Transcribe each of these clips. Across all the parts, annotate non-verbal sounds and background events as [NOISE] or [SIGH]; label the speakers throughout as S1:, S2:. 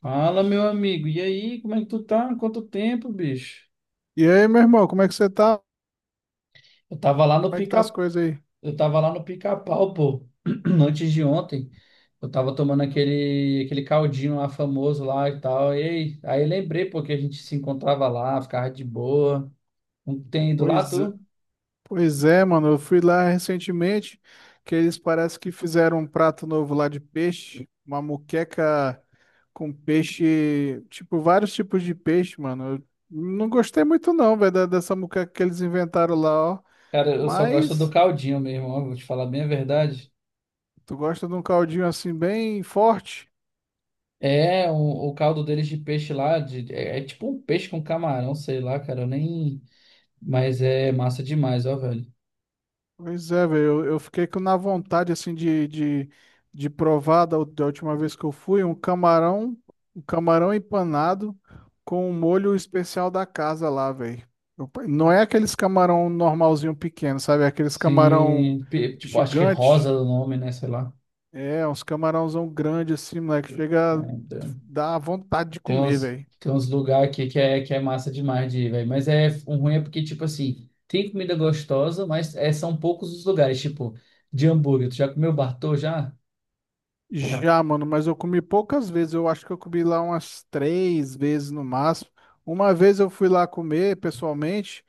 S1: Fala, meu amigo. E aí, como é que tu tá? Quanto tempo, bicho?
S2: E aí, meu irmão, como é que você tá?
S1: Eu tava lá no
S2: Como é que tá as
S1: pica...
S2: coisas aí?
S1: Eu tava lá no pica-pau, pô, [CLEARS THROAT] antes de ontem. Eu tava tomando aquele caldinho lá famoso lá e tal. E aí, lembrei, pô, que a gente se encontrava lá, ficava de boa. Não tem ido lá,
S2: Pois, é-
S1: tu?
S2: pois é, mano, eu fui lá recentemente, que eles parece que fizeram um prato novo lá de peixe, uma moqueca com peixe, tipo, vários tipos de peixe, mano. Eu não gostei muito não, velho, dessa moqueca que eles inventaram lá, ó.
S1: Cara, eu só gosto do
S2: Mas,
S1: caldinho mesmo, ó, vou te falar bem a verdade.
S2: tu gosta de um caldinho assim bem forte?
S1: É, o caldo deles de peixe lá, é tipo um peixe com camarão, sei lá, cara, eu nem. Mas é massa demais, ó, velho.
S2: Pois é, velho, eu fiquei com na vontade, assim, de provar da última vez que eu fui, um camarão empanado com um molho especial da casa lá, velho. Não é aqueles camarão normalzinho pequeno, sabe? É aqueles camarão
S1: Sim, tipo, acho que é Rosa
S2: gigante.
S1: é o nome, né? Sei lá.
S2: É, uns camarãozão grande, assim, moleque, chega a
S1: Então,
S2: dar vontade de
S1: Tem
S2: comer,
S1: uns,
S2: velho.
S1: tem uns lugares aqui que é massa demais de ir, velho. Mas é, o ruim é porque, tipo assim, tem comida gostosa, mas é, são poucos os lugares. Tipo, de hambúrguer. Tu já comeu Bartô já?
S2: Já, mano, mas eu comi poucas vezes. Eu acho que eu comi lá umas três vezes no máximo. Uma vez eu fui lá comer pessoalmente.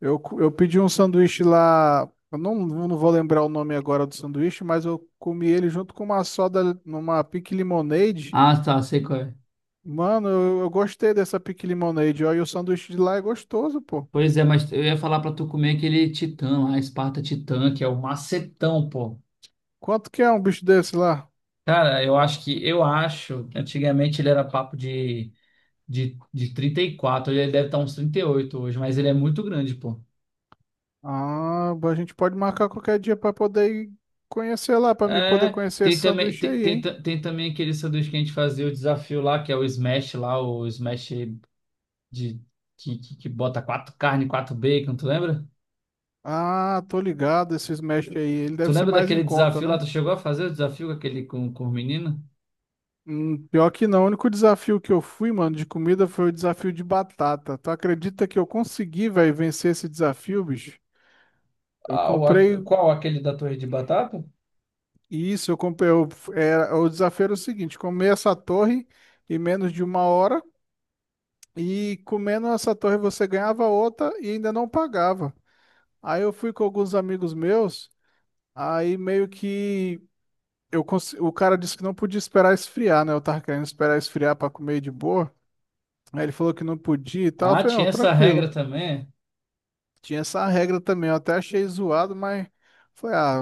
S2: Eu pedi um sanduíche lá. Eu não vou lembrar o nome agora do sanduíche, mas eu comi ele junto com uma soda, numa pique lemonade.
S1: Ah, tá, sei qual é.
S2: Mano, eu gostei dessa pique lemonade. Ó, e o sanduíche de lá é gostoso, pô.
S1: Pois é, mas eu ia falar pra tu comer aquele Titã lá, Esparta Titã, que é o macetão, pô.
S2: Quanto que é um bicho desse lá?
S1: Cara, eu acho que antigamente ele era papo de 34, ele deve estar uns 38 hoje, mas ele é muito grande, pô.
S2: Ah, a gente pode marcar qualquer dia pra poder ir conhecer lá, pra me poder
S1: É,
S2: conhecer
S1: tem
S2: esse
S1: também,
S2: sanduíche
S1: tem,
S2: aí,
S1: tem,
S2: hein?
S1: ta- tem também aquele sanduíche que a gente fazia o desafio lá, que é o smash lá, de, que bota quatro carne, quatro bacon, tu lembra?
S2: Ah, tô ligado, esse Smash aí. Ele
S1: Tu
S2: deve ser
S1: lembra
S2: mais em
S1: daquele
S2: conta,
S1: desafio lá?
S2: né?
S1: Tu chegou a fazer o desafio com aquele com o menino?
S2: Pior que não. O único desafio que eu fui, mano, de comida foi o desafio de batata. Tu acredita que eu consegui, velho, vencer esse desafio, bicho? Eu
S1: Ah,
S2: comprei
S1: qual? Aquele da torre de batata?
S2: isso, eu comprei. O desafio era o seguinte: comer essa torre em menos de uma hora. E comendo essa torre você ganhava outra e ainda não pagava. Aí eu fui com alguns amigos meus. Aí meio que, o cara disse que não podia esperar esfriar, né? Eu tava querendo esperar esfriar pra comer de boa. Aí ele falou que não podia e tal. Eu
S1: Ah,
S2: falei, não,
S1: tinha essa regra
S2: tranquilo.
S1: também.
S2: Tinha essa regra também. Eu até achei zoado, mas foi, ah,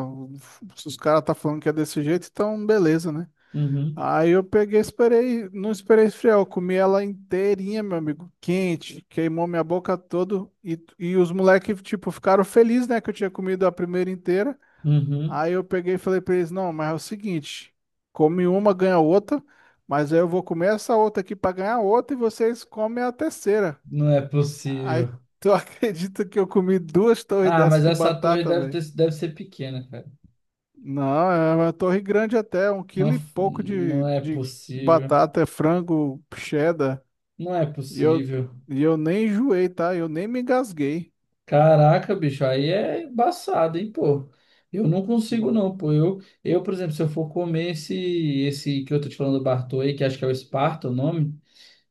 S2: se os caras tá falando que é desse jeito, então beleza, né?
S1: É. Uhum,
S2: Aí eu peguei, esperei, não esperei esfriar, eu comi ela inteirinha, meu amigo, quente, queimou minha boca toda e os moleques, tipo, ficaram felizes, né, que eu tinha comido a primeira inteira.
S1: uhum.
S2: Aí eu peguei e falei pra eles, não, mas é o seguinte, come uma, ganha outra, mas aí eu vou comer essa outra aqui pra ganhar outra e vocês comem a terceira.
S1: Não é
S2: Aí
S1: possível.
S2: tu [LAUGHS] acredita que eu comi duas torres
S1: Ah,
S2: dessas
S1: mas
S2: de
S1: essa torre
S2: batata, velho?
S1: deve ser pequena, cara.
S2: Não, é uma torre grande até, um
S1: Não,
S2: quilo e pouco de,
S1: não é
S2: de
S1: possível.
S2: batata, é frango, cheddar.
S1: Não é
S2: E eu,
S1: possível.
S2: e eu nem enjoei, tá? Eu nem me engasguei.
S1: Caraca, bicho, aí é embaçado, hein, pô. Eu não consigo não, pô. Eu, por exemplo, se eu for comer esse, que eu tô te falando do Bartô aí, que acho que é o Esparta, o nome,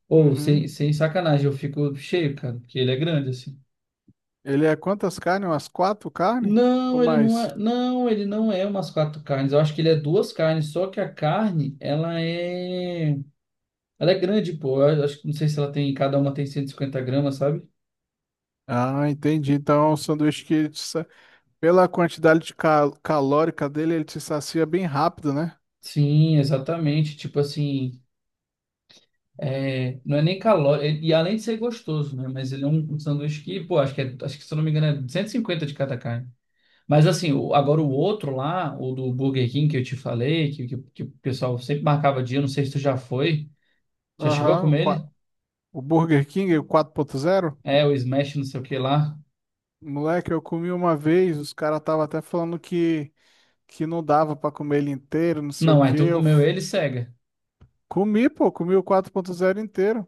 S1: ou sem,
S2: Uhum.
S1: sem sacanagem, eu fico cheio, cara, porque ele é grande assim.
S2: Ele é quantas carnes? Umas quatro carnes? Ou
S1: Não, ele não
S2: mais?
S1: é, ele não é umas quatro carnes. Eu acho que ele é duas carnes, só que a carne, ela é grande, pô. Eu acho que não sei se ela tem, cada uma tem 150 g, sabe?
S2: Ah, entendi. Então, é um sanduíche que, pela quantidade de calórica dele, ele te sacia bem rápido, né?
S1: Sim, exatamente. Tipo assim, é, não é nem calórico, e além de ser gostoso, né? Mas ele é um sanduíche que, pô, acho que se eu não me engano é 150 de cada carne. Mas assim, agora o outro lá, o do Burger King que eu te falei, que o pessoal sempre marcava dia, não sei se tu já foi, já chegou a
S2: Aham,
S1: comer ele?
S2: o Burger King, o 4.0.
S1: É, o Smash não sei o que lá.
S2: Moleque, eu comi uma vez, os caras estavam até falando que, não dava pra comer ele inteiro, não sei o
S1: Não, aí
S2: quê.
S1: tu comeu ele, cega.
S2: Comi, pô, comi o 4.0 inteiro.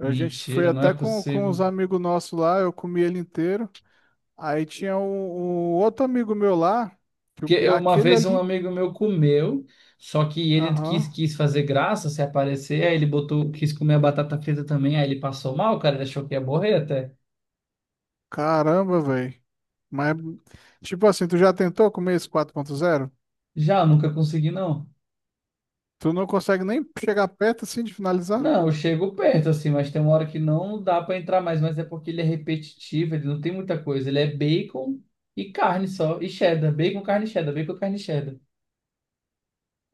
S2: A gente foi
S1: Mentira, não
S2: até
S1: é
S2: com
S1: possível.
S2: os amigos nossos lá, eu comi ele inteiro. Aí tinha um outro amigo meu lá,
S1: Uma
S2: aquele
S1: vez um
S2: ali.
S1: amigo meu comeu, só que ele quis,
S2: Aham.
S1: quis fazer graça, se aparecer, aí ele botou, quis comer a batata frita também, aí ele passou mal, cara, ele achou que ia morrer até.
S2: Caramba, velho. Mas, tipo assim, tu já tentou comer esse 4.0?
S1: Já, eu nunca consegui, não.
S2: Tu não consegue nem chegar perto assim de finalizar?
S1: Não, eu chego perto, assim, mas tem uma hora que não dá pra entrar mais, mas é porque ele é repetitivo, ele não tem muita coisa. Ele é bacon e carne só, e cheddar, bacon, carne, cheddar, bacon, carne, cheddar.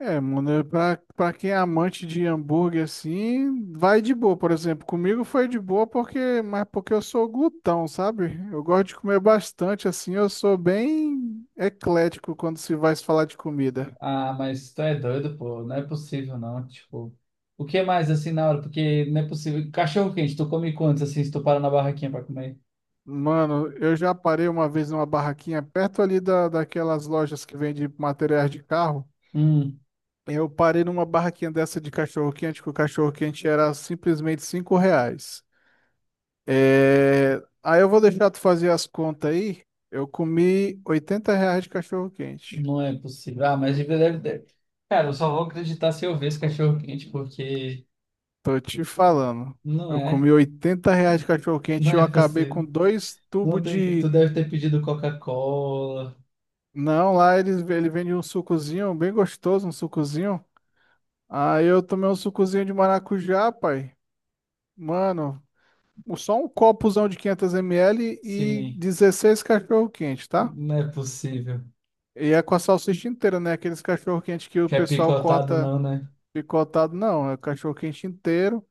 S2: É, mano, é pra quem é amante de hambúrguer assim, vai de boa, por exemplo. Comigo foi de boa porque, mas porque eu sou glutão, sabe? Eu gosto de comer bastante assim, eu sou bem eclético quando se vai se falar de comida.
S1: Ah, mas tu é doido, pô. Não é possível, não. Tipo, o que mais assim na hora? Porque não é possível. Cachorro quente, tu come quantos assim se tu para na barraquinha pra comer?
S2: Mano, eu já parei uma vez numa barraquinha perto ali daquelas lojas que vende materiais de carro.
S1: Hum,
S2: Eu parei numa barraquinha dessa de cachorro-quente, que o cachorro-quente era simplesmente R$ 5. É... Aí eu vou deixar tu fazer as contas aí. Eu comi R$ 80 de cachorro-quente.
S1: não é possível. Ah, mas deve, deve, deve. Cara, eu só vou acreditar se eu ver esse cachorro quente, porque
S2: Tô te falando.
S1: não
S2: Eu
S1: é.
S2: comi R$ 80 de
S1: [LAUGHS]
S2: cachorro-quente
S1: Não
S2: e eu
S1: é
S2: acabei
S1: possível.
S2: com dois
S1: Não
S2: tubos
S1: tem,
S2: de...
S1: tu deve ter pedido Coca-Cola.
S2: Não, lá ele vende um sucozinho bem gostoso, um sucozinho. Aí eu tomei um sucozinho de maracujá, pai. Mano, só um copozão de 500 ml e
S1: Sim,
S2: 16 cachorro-quente, tá?
S1: não é possível.
S2: E é com a salsicha inteira, né? Aqueles cachorro-quente que o
S1: Quer
S2: pessoal
S1: picotado,
S2: corta
S1: não, né?
S2: picotado, não. É cachorro-quente inteiro.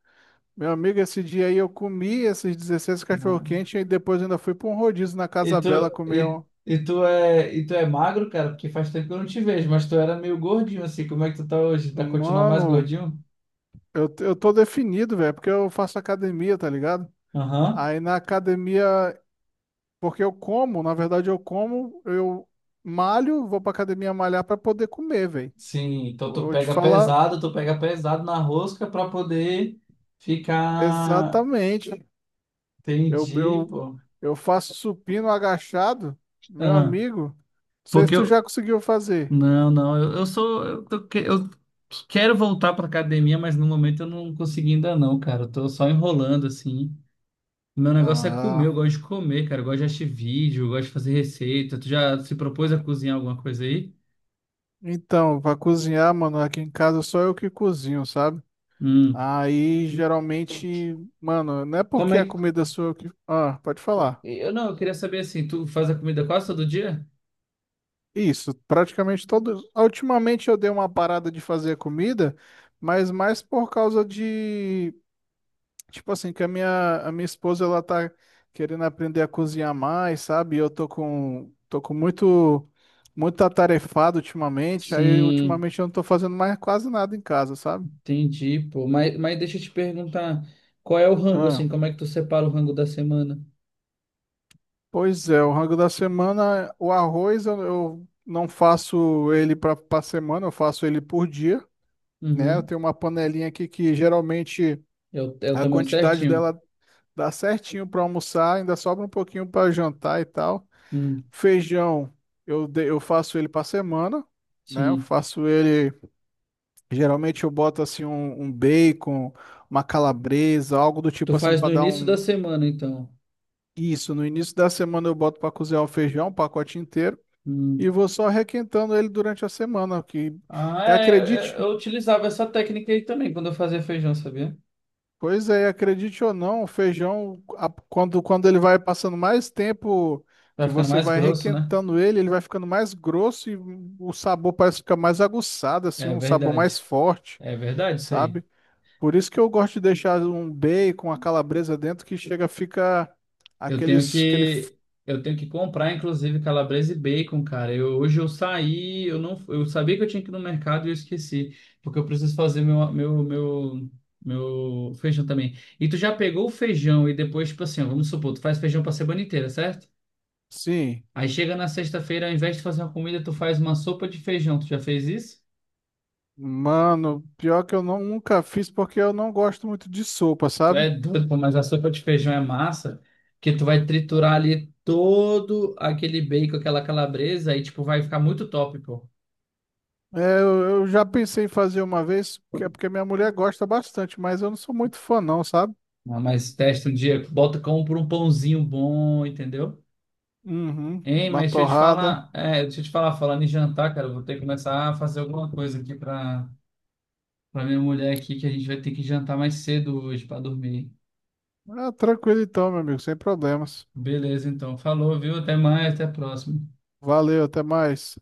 S2: Meu amigo, esse dia aí eu comi esses 16 cachorro-quente e depois ainda fui pra um rodízio na
S1: E
S2: Casa
S1: tu,
S2: Bela comer
S1: e,
S2: um.
S1: e tu é magro, cara, porque faz tempo que eu não te vejo, mas tu era meio gordinho assim. Como é que tu tá hoje? Tá continuando mais
S2: Mano,
S1: gordinho?
S2: eu tô definido, velho, porque eu faço academia, tá ligado?
S1: Aham.
S2: Aí na academia Porque eu como, na verdade eu malho, vou pra academia malhar pra poder comer, velho.
S1: Sim, então
S2: Eu
S1: tu
S2: vou te
S1: pega
S2: falar
S1: pesado, na rosca pra poder ficar.
S2: exatamente. Eu,
S1: Entendi,
S2: eu,
S1: pô.
S2: eu faço supino agachado, meu
S1: Ah,
S2: amigo. Não sei se
S1: porque
S2: tu já
S1: eu.
S2: conseguiu fazer.
S1: Não, não, eu sou. Eu quero voltar pra academia, mas no momento eu não consegui ainda não, cara. Eu tô só enrolando assim. Meu negócio é comer, eu
S2: Ah,
S1: gosto de comer, cara. Eu gosto de assistir vídeo, eu gosto de fazer receita. Tu já se propôs a cozinhar alguma coisa aí?
S2: então, pra cozinhar, mano, aqui em casa só eu que cozinho, sabe?
S1: Hum.
S2: Aí geralmente, mano, não é
S1: Como
S2: porque a
S1: é que.
S2: comida sou eu que. Ah, pode falar.
S1: Eu não, eu queria saber assim, tu faz a comida quase todo dia?
S2: Isso, praticamente todos. Ultimamente eu dei uma parada de fazer comida, mas mais por causa de, tipo assim, que a minha esposa ela tá querendo aprender a cozinhar mais, sabe? E eu tô com, muito, muito atarefado ultimamente, aí
S1: Sim,
S2: ultimamente eu não tô fazendo mais quase nada em casa, sabe?
S1: entendi, pô. Mas deixa eu te perguntar, qual é o rango,
S2: Ah,
S1: assim? Como é que tu separa o rango da semana?
S2: pois é, o rango da semana, o arroz eu não faço ele para semana, eu faço ele por dia, né? Eu
S1: Uhum.
S2: tenho uma panelinha aqui que geralmente
S1: É o
S2: a
S1: tamanho
S2: quantidade
S1: certinho?
S2: dela dá certinho para almoçar, ainda sobra um pouquinho para jantar e tal.
S1: Hum,
S2: Feijão, eu faço ele para semana, né? Eu
S1: sim.
S2: faço ele, geralmente eu boto assim um bacon, uma calabresa, algo do
S1: Tu
S2: tipo assim
S1: faz
S2: para
S1: no
S2: dar
S1: início da
S2: um.
S1: semana, então.
S2: Isso, no início da semana eu boto para cozinhar o feijão, um pacote inteiro, e
S1: Hum.
S2: vou só requentando ele durante a semana. Que
S1: Ah, é, eu,
S2: acredite
S1: eu utilizava essa técnica aí também quando eu fazia feijão, sabia?
S2: Pois é, acredite ou não, o feijão, quando ele vai passando mais tempo
S1: Vai
S2: que
S1: ficando
S2: você
S1: mais
S2: vai
S1: grosso, né?
S2: requentando ele, ele vai ficando mais grosso e o sabor parece ficar mais aguçado, assim,
S1: É
S2: um sabor mais
S1: verdade.
S2: forte,
S1: É verdade isso aí.
S2: sabe? Por isso que eu gosto de deixar um bacon, a calabresa dentro, que chega, fica
S1: Eu tenho
S2: aqueles, aquele, f-
S1: que eu tenho que comprar inclusive calabresa e bacon, cara. Eu hoje eu saí, eu não eu sabia que eu tinha que ir no mercado e eu esqueci, porque eu preciso fazer meu feijão também. E tu já pegou o feijão e depois tipo assim, ó, vamos supor, tu faz feijão pra semana inteira, certo?
S2: sim,
S1: Aí chega na sexta-feira, ao invés de fazer uma comida, tu faz uma sopa de feijão. Tu já fez isso?
S2: mano, pior que eu não, nunca fiz porque eu não gosto muito de sopa,
S1: Tu
S2: sabe?
S1: é doido, pô, mas a sopa de feijão é massa, que tu vai triturar ali todo aquele bacon, aquela calabresa, e tipo, vai ficar muito top, pô.
S2: É, eu já pensei em fazer uma vez, que é porque minha mulher gosta bastante, mas eu não sou muito fã, não, sabe?
S1: Ah, mas testa um dia, bota com por um pãozinho bom, entendeu?
S2: Uhum,
S1: Hein,
S2: uma
S1: mas deixa eu te
S2: torrada.
S1: falar, é, deixa eu te falar, falando em jantar, cara, eu vou ter que começar a fazer alguma coisa aqui pra minha mulher aqui, que a gente vai ter que jantar mais cedo hoje pra dormir.
S2: Ah, tranquilo então, meu amigo, sem problemas.
S1: Beleza, então. Falou, viu? Até mais, até a próxima.
S2: Valeu, até mais.